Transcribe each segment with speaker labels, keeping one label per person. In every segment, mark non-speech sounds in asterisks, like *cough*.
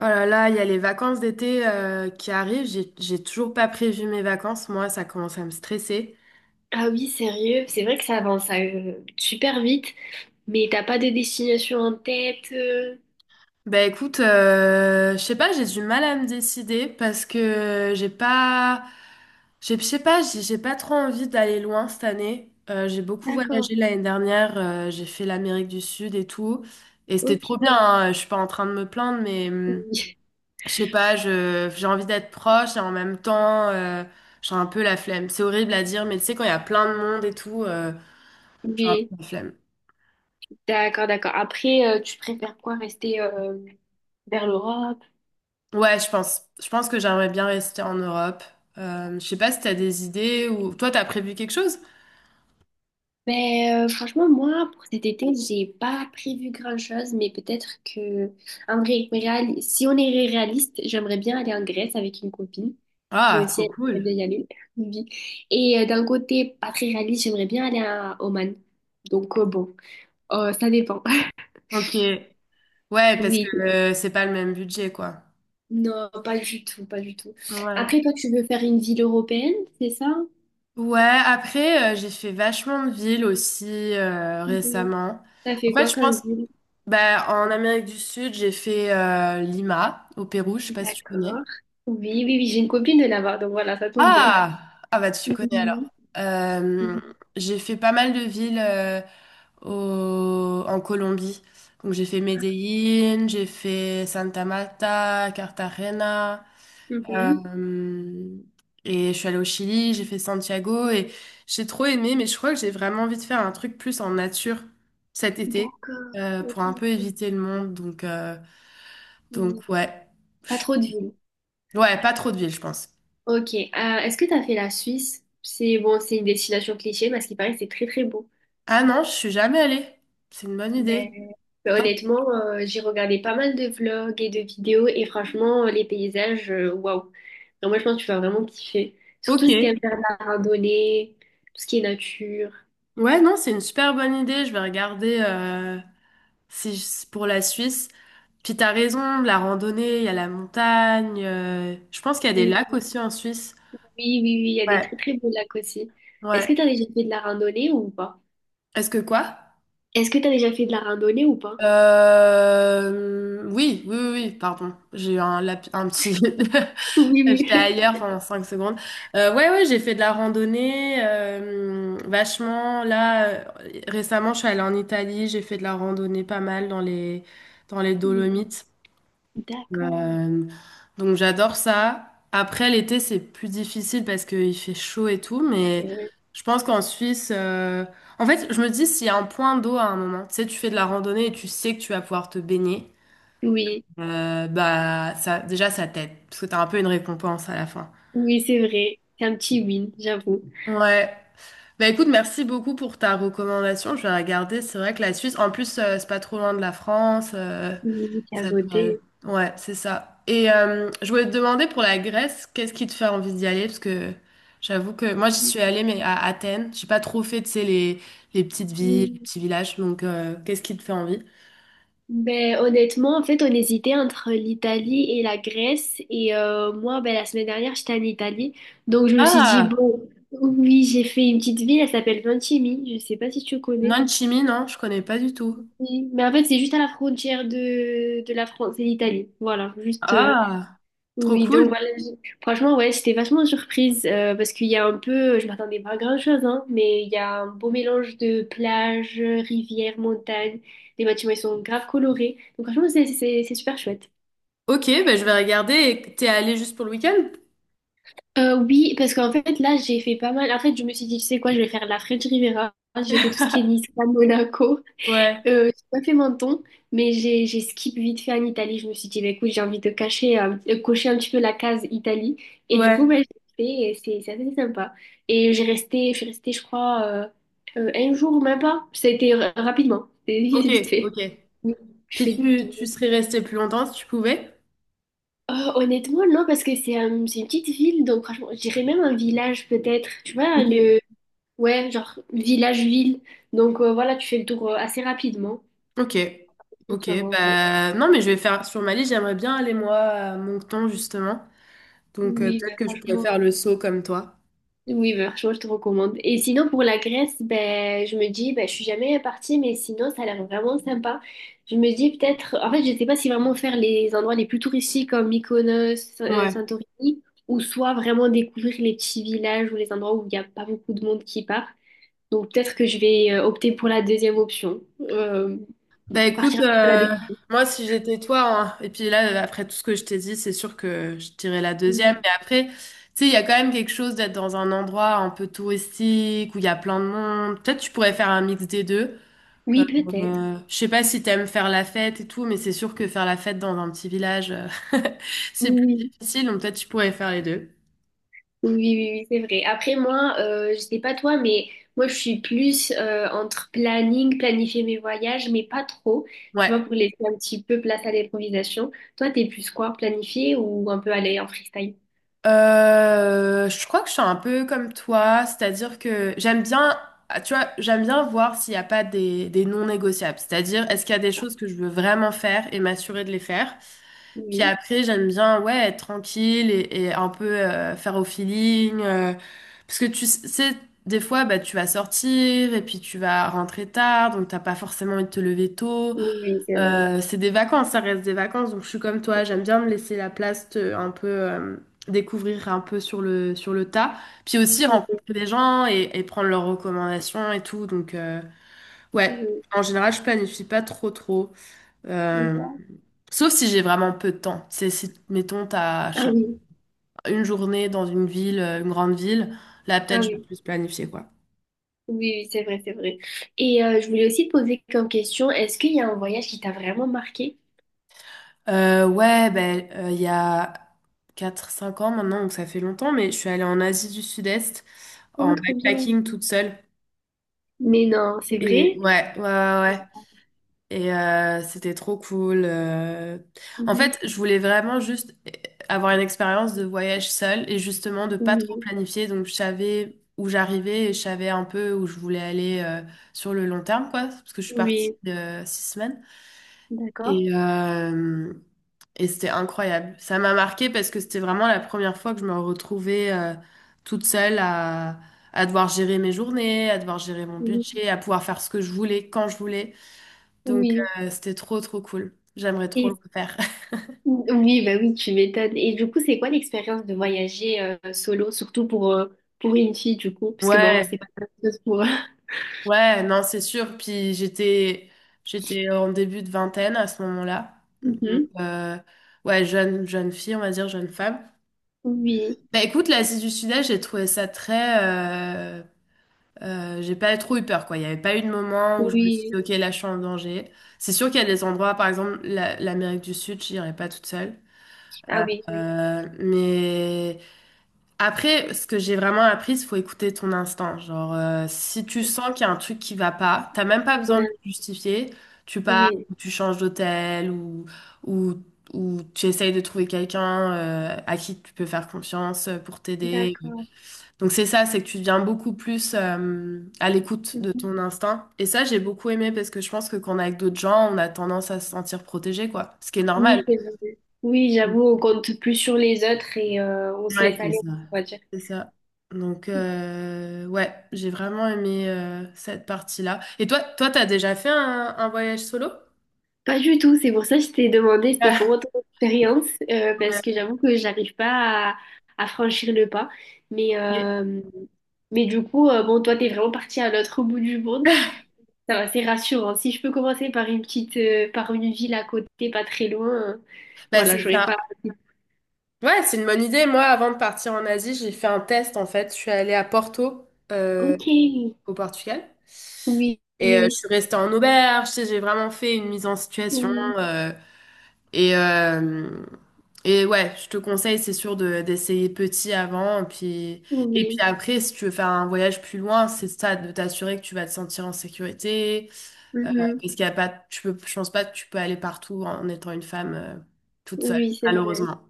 Speaker 1: Oh là là, il y a les vacances d'été qui arrivent. J'ai toujours pas prévu mes vacances. Moi, ça commence à me stresser.
Speaker 2: Ah oui, sérieux, c'est vrai que ça avance super vite, mais t'as pas de destination en tête.
Speaker 1: Bah écoute, je sais pas, j'ai du mal à me décider parce que j'ai pas, je sais pas, j'ai pas trop envie d'aller loin cette année. J'ai beaucoup
Speaker 2: D'accord,
Speaker 1: voyagé l'année dernière. J'ai fait l'Amérique du Sud et tout, et c'était
Speaker 2: ok.
Speaker 1: trop bien, hein. Je suis pas en train de me plaindre, mais
Speaker 2: Oui.
Speaker 1: je sais pas, j'ai envie d'être proche et en même temps, j'ai un peu la flemme. C'est horrible à dire, mais tu sais, quand il y a plein de monde et tout, j'ai un peu
Speaker 2: Mais
Speaker 1: la flemme.
Speaker 2: d'accord, d'accord. Après, tu préfères quoi? Rester vers l'Europe?
Speaker 1: Ouais, je pense. Je pense que j'aimerais bien rester en Europe. Je sais pas si t'as des idées ou... Toi, t'as prévu quelque chose?
Speaker 2: Ben, franchement, moi, pour cet été, j'ai pas prévu grand-chose, mais peut-être que, en vrai, si on est réaliste, j'aimerais bien aller en Grèce avec une copine qui
Speaker 1: Ah,
Speaker 2: aussi
Speaker 1: trop
Speaker 2: aimerait
Speaker 1: cool.
Speaker 2: bien y aller. *laughs* Oui. Et d'un côté pas très réaliste, j'aimerais bien aller à Oman. Donc, bon, ça dépend. *laughs*
Speaker 1: Ok. Ouais, parce
Speaker 2: Oui,
Speaker 1: que c'est pas le même budget, quoi.
Speaker 2: non, pas du tout, pas du tout.
Speaker 1: Ouais.
Speaker 2: Après, toi, tu veux faire une ville européenne, c'est ça?
Speaker 1: Ouais, après, j'ai fait vachement de villes aussi
Speaker 2: Mhm.
Speaker 1: récemment.
Speaker 2: T'as
Speaker 1: En
Speaker 2: fait quoi
Speaker 1: fait, je
Speaker 2: comme
Speaker 1: pense.
Speaker 2: ville?
Speaker 1: Bah, en Amérique du Sud, j'ai fait Lima, au Pérou, je sais pas si tu connais.
Speaker 2: D'accord. Oui, oui, oui, j'ai une copine de là-bas, donc voilà, ça tombe bien.
Speaker 1: Ah! Ah bah tu
Speaker 2: *laughs*
Speaker 1: connais alors.
Speaker 2: Mhm. Mhm.
Speaker 1: J'ai fait pas mal de villes en Colombie. Donc j'ai fait Medellín, j'ai fait Santa Marta, Cartagena.
Speaker 2: Mhm.
Speaker 1: euh, et je suis allée au Chili, j'ai fait Santiago et j'ai trop aimé, mais je crois que j'ai vraiment envie de faire un truc plus en nature cet été,
Speaker 2: D'accord. Ok,
Speaker 1: pour un peu
Speaker 2: ok.
Speaker 1: éviter le monde.
Speaker 2: Hmm.
Speaker 1: Donc ouais.
Speaker 2: Pas
Speaker 1: Je-
Speaker 2: trop de villes.
Speaker 1: Ouais, pas trop de ville, je pense.
Speaker 2: Ok. Est-ce que tu as fait la Suisse? C'est bon, c'est une destination cliché, mais à ce qui paraît, c'est très très beau.
Speaker 1: Ah non, je suis jamais allée. C'est une bonne
Speaker 2: Ben,
Speaker 1: idée.
Speaker 2: mais
Speaker 1: Toi-
Speaker 2: honnêtement, j'ai regardé pas mal de vlogs et de vidéos et franchement, les paysages, waouh. Donc moi, je pense que tu vas vraiment kiffer.
Speaker 1: Ok.
Speaker 2: Surtout si t'aimes faire de la randonnée, tout ce qui est nature.
Speaker 1: Ouais, non, c'est une super bonne idée. Je vais regarder, si, pour la Suisse. Puis t'as raison, la randonnée, il y a la montagne. Je pense qu'il y a des
Speaker 2: Oui,
Speaker 1: lacs aussi en Suisse.
Speaker 2: oui, oui, il y a des
Speaker 1: Ouais,
Speaker 2: très très beaux lacs aussi. Est-ce
Speaker 1: ouais.
Speaker 2: que tu as déjà fait de la randonnée ou pas?
Speaker 1: Est-ce que quoi?
Speaker 2: Est-ce que tu as déjà fait de la randonnée ou pas?
Speaker 1: Oui, oui, oui, oui, pardon. J'ai eu un, un petit...
Speaker 2: Oui,
Speaker 1: *laughs* J'étais
Speaker 2: oui.
Speaker 1: ailleurs pendant 5 secondes. Ouais, ouais, j'ai fait de la randonnée vachement. Là, récemment, je suis allée en Italie, j'ai fait de la randonnée pas mal dans les
Speaker 2: Hmm,
Speaker 1: Dolomites.
Speaker 2: d'accord,
Speaker 1: Euh, donc, j'adore ça. Après, l'été, c'est plus difficile parce qu'il fait chaud et tout, mais
Speaker 2: c'est vrai.
Speaker 1: je pense qu'en Suisse, en fait, je me dis s'il y a un point d'eau à un moment, tu sais, tu fais de la randonnée et tu sais que tu vas pouvoir te baigner,
Speaker 2: Oui,
Speaker 1: bah, ça, déjà, ça t'aide parce que t'as un peu une récompense à la fin.
Speaker 2: oui, c'est vrai. C'est un petit win, j'avoue.
Speaker 1: Ouais. Bah écoute, merci beaucoup pour ta recommandation. Je vais regarder. C'est vrai que la Suisse, en plus, c'est pas trop loin de la France.
Speaker 2: Oui, c'est à
Speaker 1: Ça pourrait-
Speaker 2: côté.
Speaker 1: Ouais, c'est ça. Et je voulais te demander pour la Grèce, qu'est-ce qui te fait envie d'y aller? Parce que j'avoue que moi, j'y suis allée, mais à Athènes. J'ai pas trop fait, tu sais, les petites villes, les
Speaker 2: Hmm.
Speaker 1: petits villages. Donc, qu'est-ce qui te fait envie?
Speaker 2: Ben, honnêtement, en fait, on hésitait entre l'Italie et la Grèce. Et moi, ben, la semaine dernière, j'étais en Italie. Donc, je me suis dit,
Speaker 1: Ah,
Speaker 2: bon, oui, j'ai fait une petite ville, elle s'appelle Ventimille. Je sais pas si tu connais.
Speaker 1: Nanchimi, non, je connais pas du tout.
Speaker 2: Oui, mais en fait, c'est juste à la frontière de, la France et l'Italie. Voilà, juste.
Speaker 1: Ah, trop
Speaker 2: Oui, donc
Speaker 1: cool.
Speaker 2: voilà, franchement, ouais, j'étais vachement surprise parce qu'il y a un peu, je m'attendais pas à grand-chose, hein, mais il y a un beau mélange de plages rivières montagnes. Les bâtiments, ils sont grave colorés. Donc franchement, c'est super chouette.
Speaker 1: Ok, bah, je vais regarder. Et t'es allée juste pour le week-end?
Speaker 2: Oui, parce qu'en fait, là, j'ai fait pas mal. En fait, je me suis dit, tu sais quoi, je vais faire la French Riviera. J'ai fait tout ce qui est Nice, Monaco.
Speaker 1: Ouais,
Speaker 2: J'ai pas fait Menton, mais j'ai skip vite fait en Italie. Je me suis dit, bah, écoute, j'ai envie de cacher, de cocher un petit peu la case Italie. Et du coup,
Speaker 1: ouais.
Speaker 2: bah, j'ai fait et c'est assez sympa. Et je suis restée, je crois, un jour, même pas. Ça a été rapidement, c'est *laughs*
Speaker 1: Ok,
Speaker 2: vite fait.
Speaker 1: ok.
Speaker 2: Oui, je
Speaker 1: Puis
Speaker 2: fais du tout.
Speaker 1: tu serais resté plus longtemps si tu pouvais?
Speaker 2: Honnêtement, non, parce que c'est une petite ville, donc franchement, je dirais même un village peut-être. Tu vois,
Speaker 1: Ok.
Speaker 2: le. Ouais, genre village-ville. Donc voilà, tu fais le tour assez rapidement.
Speaker 1: Ok.
Speaker 2: Donc
Speaker 1: Ok.
Speaker 2: ça va, en fait.
Speaker 1: Bah non, mais je vais faire sur Mali, j'aimerais bien aller moi à Moncton justement. Donc
Speaker 2: Oui,
Speaker 1: peut-être
Speaker 2: mais
Speaker 1: que je pourrais
Speaker 2: franchement.
Speaker 1: faire le saut comme toi.
Speaker 2: Oui, franchement, je te recommande. Et sinon, pour la Grèce, ben, je me dis, ben, je suis jamais partie, mais sinon, ça a l'air vraiment sympa. Je me dis peut-être, en fait, je sais pas si vraiment faire les endroits les plus touristiques comme Mykonos,
Speaker 1: Ouais.
Speaker 2: Santorini, ou soit vraiment découvrir les petits villages ou les endroits où il n'y a pas beaucoup de monde qui part. Donc, peut-être que je vais opter pour la deuxième option. Euh,
Speaker 1: Bah écoute,
Speaker 2: partir à la
Speaker 1: moi si j'étais toi, hein, et puis là, après tout ce que je t'ai dit, c'est sûr que je dirais la deuxième.
Speaker 2: découverte.
Speaker 1: Mais après, tu sais, il y a quand même quelque chose d'être dans un endroit un peu touristique où il y a plein de monde. Peut-être tu pourrais faire un mix des deux. Euh,
Speaker 2: Oui, peut-être.
Speaker 1: je sais pas si t'aimes faire la fête et tout, mais c'est sûr que faire la fête dans un petit village, *laughs* c'est plus
Speaker 2: Oui.
Speaker 1: difficile, donc peut-être tu pourrais faire les deux.
Speaker 2: Oui, oui, oui, oui, c'est vrai. Après, moi, je sais pas toi, mais moi, je suis plus entre planning, planifier mes voyages, mais pas trop, tu
Speaker 1: Ouais.
Speaker 2: vois, pour laisser un petit peu place à l'improvisation. Toi, t'es plus quoi, planifier ou un peu aller en freestyle?
Speaker 1: Je crois que je suis un peu comme toi, c'est-à-dire que j'aime bien, ah, tu vois, j'aime bien voir s'il n'y a pas des, des non négociables. C'est-à-dire, est-ce qu'il y a des choses que je veux vraiment faire et m'assurer de les faire, puis
Speaker 2: Oui,
Speaker 1: après, j'aime bien, ouais, être tranquille et un peu faire au feeling. Parce que tu sais, des fois, bah, tu vas sortir et puis tu vas rentrer tard, donc t'as pas forcément envie de te lever tôt.
Speaker 2: oui, oui, c'est vrai.
Speaker 1: C'est des vacances, ça reste des vacances, donc je suis comme toi, j'aime bien me laisser la place, un peu découvrir un peu sur le tas. Puis aussi
Speaker 2: Oui,
Speaker 1: rencontrer des gens et prendre leurs recommandations et tout. Donc, ouais,
Speaker 2: oui,
Speaker 1: en général, je planifie pas trop, trop. Euh,
Speaker 2: oui.
Speaker 1: sauf si j'ai vraiment peu de temps. C'est si, mettons, t'as, je
Speaker 2: Ah
Speaker 1: sais
Speaker 2: oui,
Speaker 1: pas, une journée dans une ville, une grande ville, là,
Speaker 2: ah
Speaker 1: peut-être, je vais
Speaker 2: oui,
Speaker 1: plus planifier, quoi.
Speaker 2: oui, oui, c'est vrai, c'est vrai. Et je voulais aussi te poser comme question, est-ce qu'il y a un voyage qui t'a vraiment marqué?
Speaker 1: Ouais, ben, il y a 4 5 ans maintenant, donc ça fait longtemps, mais je suis allée en Asie du Sud-Est
Speaker 2: Oh,
Speaker 1: en
Speaker 2: trop bien.
Speaker 1: backpacking toute seule.
Speaker 2: Mais non, c'est
Speaker 1: Et
Speaker 2: vrai?
Speaker 1: ouais, ouais, ouais, ouais. Et c'était trop cool. En
Speaker 2: Mhm.
Speaker 1: fait, je voulais vraiment juste avoir une expérience de voyage seule et justement de pas trop
Speaker 2: Oui,
Speaker 1: planifier. Donc, je savais où j'arrivais et je savais un peu où je voulais aller, sur le long terme, quoi, parce que je suis partie
Speaker 2: oui,
Speaker 1: de 6 semaines.
Speaker 2: d'accord.
Speaker 1: Et, euh, et c'était incroyable. Ça m'a marqué parce que c'était vraiment la première fois que je me retrouvais toute seule à devoir gérer mes journées, à devoir gérer mon budget, à pouvoir faire ce que je voulais quand je voulais. Donc,
Speaker 2: Oui,
Speaker 1: c'était trop, trop cool. J'aimerais trop le
Speaker 2: et,
Speaker 1: faire. *laughs*
Speaker 2: oui, bah oui, tu m'étonnes. Et du coup, c'est quoi l'expérience de voyager solo, surtout pour une fille, du coup, parce que bon, c'est
Speaker 1: Ouais,
Speaker 2: pas la même chose pour. *laughs*
Speaker 1: ouais, non, c'est sûr. Puis j'étais, j'étais en début de vingtaine à ce moment-là. Donc,
Speaker 2: Mhm.
Speaker 1: ouais, jeune, jeune fille, on va dire, jeune femme.
Speaker 2: Oui,
Speaker 1: Bah écoute, l'Asie du Sud-Est, j'ai trouvé ça très... j'ai pas trop eu peur, quoi. Il n'y avait pas eu de moment où je me suis
Speaker 2: oui,
Speaker 1: dit, OK, là, je suis en danger. C'est sûr qu'il y a des endroits, par exemple, l'Amérique du Sud, j'irais pas toute seule.
Speaker 2: ah oui, oui,
Speaker 1: Mais après, ce que j'ai vraiment appris, c'est faut écouter ton instinct. Genre, si tu sens qu'il y a un truc qui va pas, t'as même pas besoin de le
Speaker 2: ouais,
Speaker 1: justifier. Tu pars,
Speaker 2: oui,
Speaker 1: ou tu changes d'hôtel ou, ou tu essayes de trouver quelqu'un à qui tu peux faire confiance pour t'aider.
Speaker 2: d'accord.
Speaker 1: Donc c'est ça, c'est que tu deviens beaucoup plus à l'écoute de
Speaker 2: Mhm.
Speaker 1: ton instinct. Et ça, j'ai beaucoup aimé parce que je pense que quand on est avec d'autres gens, on a tendance à se sentir protégé, quoi. Ce qui est normal.
Speaker 2: Oui, c'est vrai. Oui, j'avoue, on compte plus sur les autres et on se
Speaker 1: Ouais,
Speaker 2: laisse
Speaker 1: c'est
Speaker 2: aller,
Speaker 1: ça.
Speaker 2: on va dire.
Speaker 1: C'est ça. Donc, ouais, j'ai vraiment aimé cette partie-là. Et toi, toi, t'as déjà fait un voyage solo?
Speaker 2: Pas du tout, c'est pour ça que je t'ai demandé c'était
Speaker 1: *laughs*
Speaker 2: comment ton expérience,
Speaker 1: Ah,
Speaker 2: parce
Speaker 1: ouais,
Speaker 2: que j'avoue que j'arrive pas à, franchir le pas. Mais,
Speaker 1: ok.
Speaker 2: euh, mais du coup, bon, toi, t'es vraiment parti à l'autre bout du monde. Ça va, c'est rassurant. Si je peux commencer par une petite, par une ville à côté, pas très loin,
Speaker 1: Bah,
Speaker 2: voilà,
Speaker 1: c'est
Speaker 2: j'aurais
Speaker 1: ça.
Speaker 2: pas.
Speaker 1: Ouais, c'est une bonne idée. Moi, avant de partir en Asie, j'ai fait un test, en fait. Je suis allée à Porto, euh,
Speaker 2: Ok, oui,
Speaker 1: au Portugal.
Speaker 2: oui,
Speaker 1: Et je
Speaker 2: oui,
Speaker 1: suis restée en auberge. Tu sais, j'ai vraiment fait une mise en situation.
Speaker 2: oui,
Speaker 1: euh, Et, euh, et ouais, je te conseille, c'est sûr, de, d'essayer petit avant. Puis, et puis
Speaker 2: oui,
Speaker 1: après, si tu veux faire un voyage plus loin, c'est ça, de t'assurer que tu vas te sentir en sécurité. Parce
Speaker 2: mhm.
Speaker 1: qu'il y a pas, tu peux, je pense pas que tu peux aller partout en étant une femme toute seule,
Speaker 2: Oui, c'est vrai.
Speaker 1: malheureusement.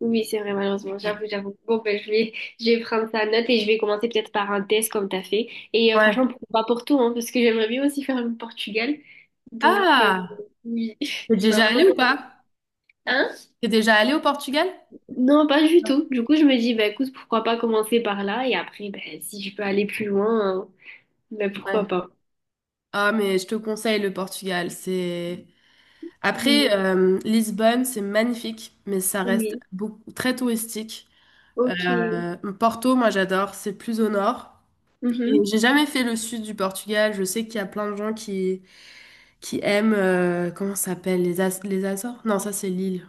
Speaker 2: Oui, c'est vrai, malheureusement.
Speaker 1: Ouais.
Speaker 2: J'avoue, j'avoue. Bon, ben, je vais prendre ça en note et je vais commencer peut-être par un test comme t'as fait. Et
Speaker 1: Ouais.
Speaker 2: franchement, pourquoi pas pour tout, hein, parce que j'aimerais bien aussi faire le Portugal. Donc,
Speaker 1: Ah,
Speaker 2: oui,
Speaker 1: t'es
Speaker 2: *laughs* tu vas
Speaker 1: déjà
Speaker 2: vraiment...
Speaker 1: allée ou
Speaker 2: donné-
Speaker 1: pas?
Speaker 2: Hein?
Speaker 1: T'es déjà allée au Portugal?
Speaker 2: Non, pas du
Speaker 1: Non.
Speaker 2: tout. Du coup, je me dis, ben, écoute, pourquoi pas commencer par là et après, ben, si je peux aller plus loin, hein, ben, pourquoi
Speaker 1: Ouais.
Speaker 2: pas.
Speaker 1: Ah, mais je te conseille le Portugal. C'est...
Speaker 2: Oui,
Speaker 1: après, Lisbonne, c'est magnifique, mais ça reste
Speaker 2: oui,
Speaker 1: beaucoup, très touristique.
Speaker 2: ok.
Speaker 1: Porto, moi j'adore, c'est plus au nord. Et
Speaker 2: Mhm.
Speaker 1: j'ai jamais fait le sud du Portugal. Je sais qu'il y a plein de gens qui aiment, comment ça s'appelle, les, les Açores? Non, ça c'est l'île.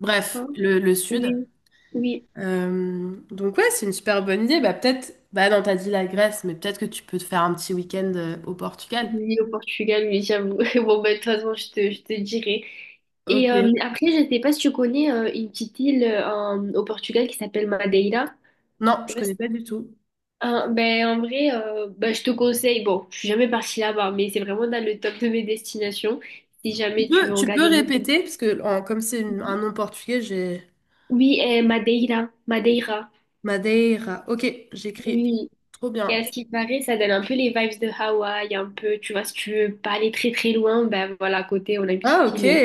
Speaker 1: Bref,
Speaker 2: Hein.
Speaker 1: le sud.
Speaker 2: Oui, oui.
Speaker 1: Donc ouais, c'est une super bonne idée. Bah peut-être, bah non, t'as dit la Grèce, mais peut-être que tu peux te faire un petit week-end au Portugal.
Speaker 2: Oui, au Portugal, mais j'avoue. *laughs* Bon, bah, de toute façon, je te dirai. Et
Speaker 1: Ok.
Speaker 2: après, je sais pas si tu connais une petite île au Portugal qui s'appelle Madeira.
Speaker 1: Non,
Speaker 2: Je sais
Speaker 1: je
Speaker 2: pas
Speaker 1: connais
Speaker 2: si-
Speaker 1: pas du tout.
Speaker 2: Ah, ben, en vrai, ben, je te conseille. Bon, je suis jamais partie là-bas, mais c'est vraiment dans le top de mes destinations. Si jamais tu veux
Speaker 1: Tu peux
Speaker 2: regarder des.
Speaker 1: répéter, parce que comme c'est un nom portugais, j'ai
Speaker 2: Oui, et Madeira. Madeira.
Speaker 1: Madeira. Ok, j'écris.
Speaker 2: Oui.
Speaker 1: Trop
Speaker 2: Et
Speaker 1: bien.
Speaker 2: à ce qui paraît, ça donne un peu les vibes de Hawaï, un peu, tu vois, si tu veux pas aller très très loin, ben voilà, à côté, on a une
Speaker 1: Ah,
Speaker 2: petite
Speaker 1: ok.
Speaker 2: île.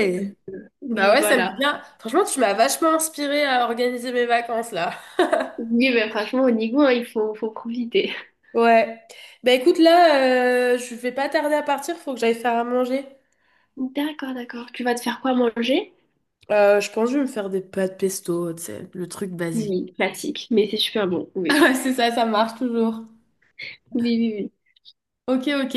Speaker 1: Bah
Speaker 2: Oui,
Speaker 1: ouais, ça me dit
Speaker 2: voilà.
Speaker 1: bien. Franchement, tu m'as vachement inspirée à organiser mes vacances là.
Speaker 2: Oui, mais franchement, au Nigo, hein, il faut, faut profiter.
Speaker 1: Ouais. Bah écoute, là, je vais pas tarder à partir, faut que j'aille faire à manger.
Speaker 2: D'accord, d'accord. Tu vas te faire quoi manger?
Speaker 1: Je pense que je vais me faire des pâtes pesto, tu sais, le truc basique. *laughs*
Speaker 2: Oui, classique, mais c'est super bon,
Speaker 1: Ah
Speaker 2: oui.
Speaker 1: ouais, c'est ça, ça marche toujours.
Speaker 2: Oui, oui, oui.
Speaker 1: Ok, ok.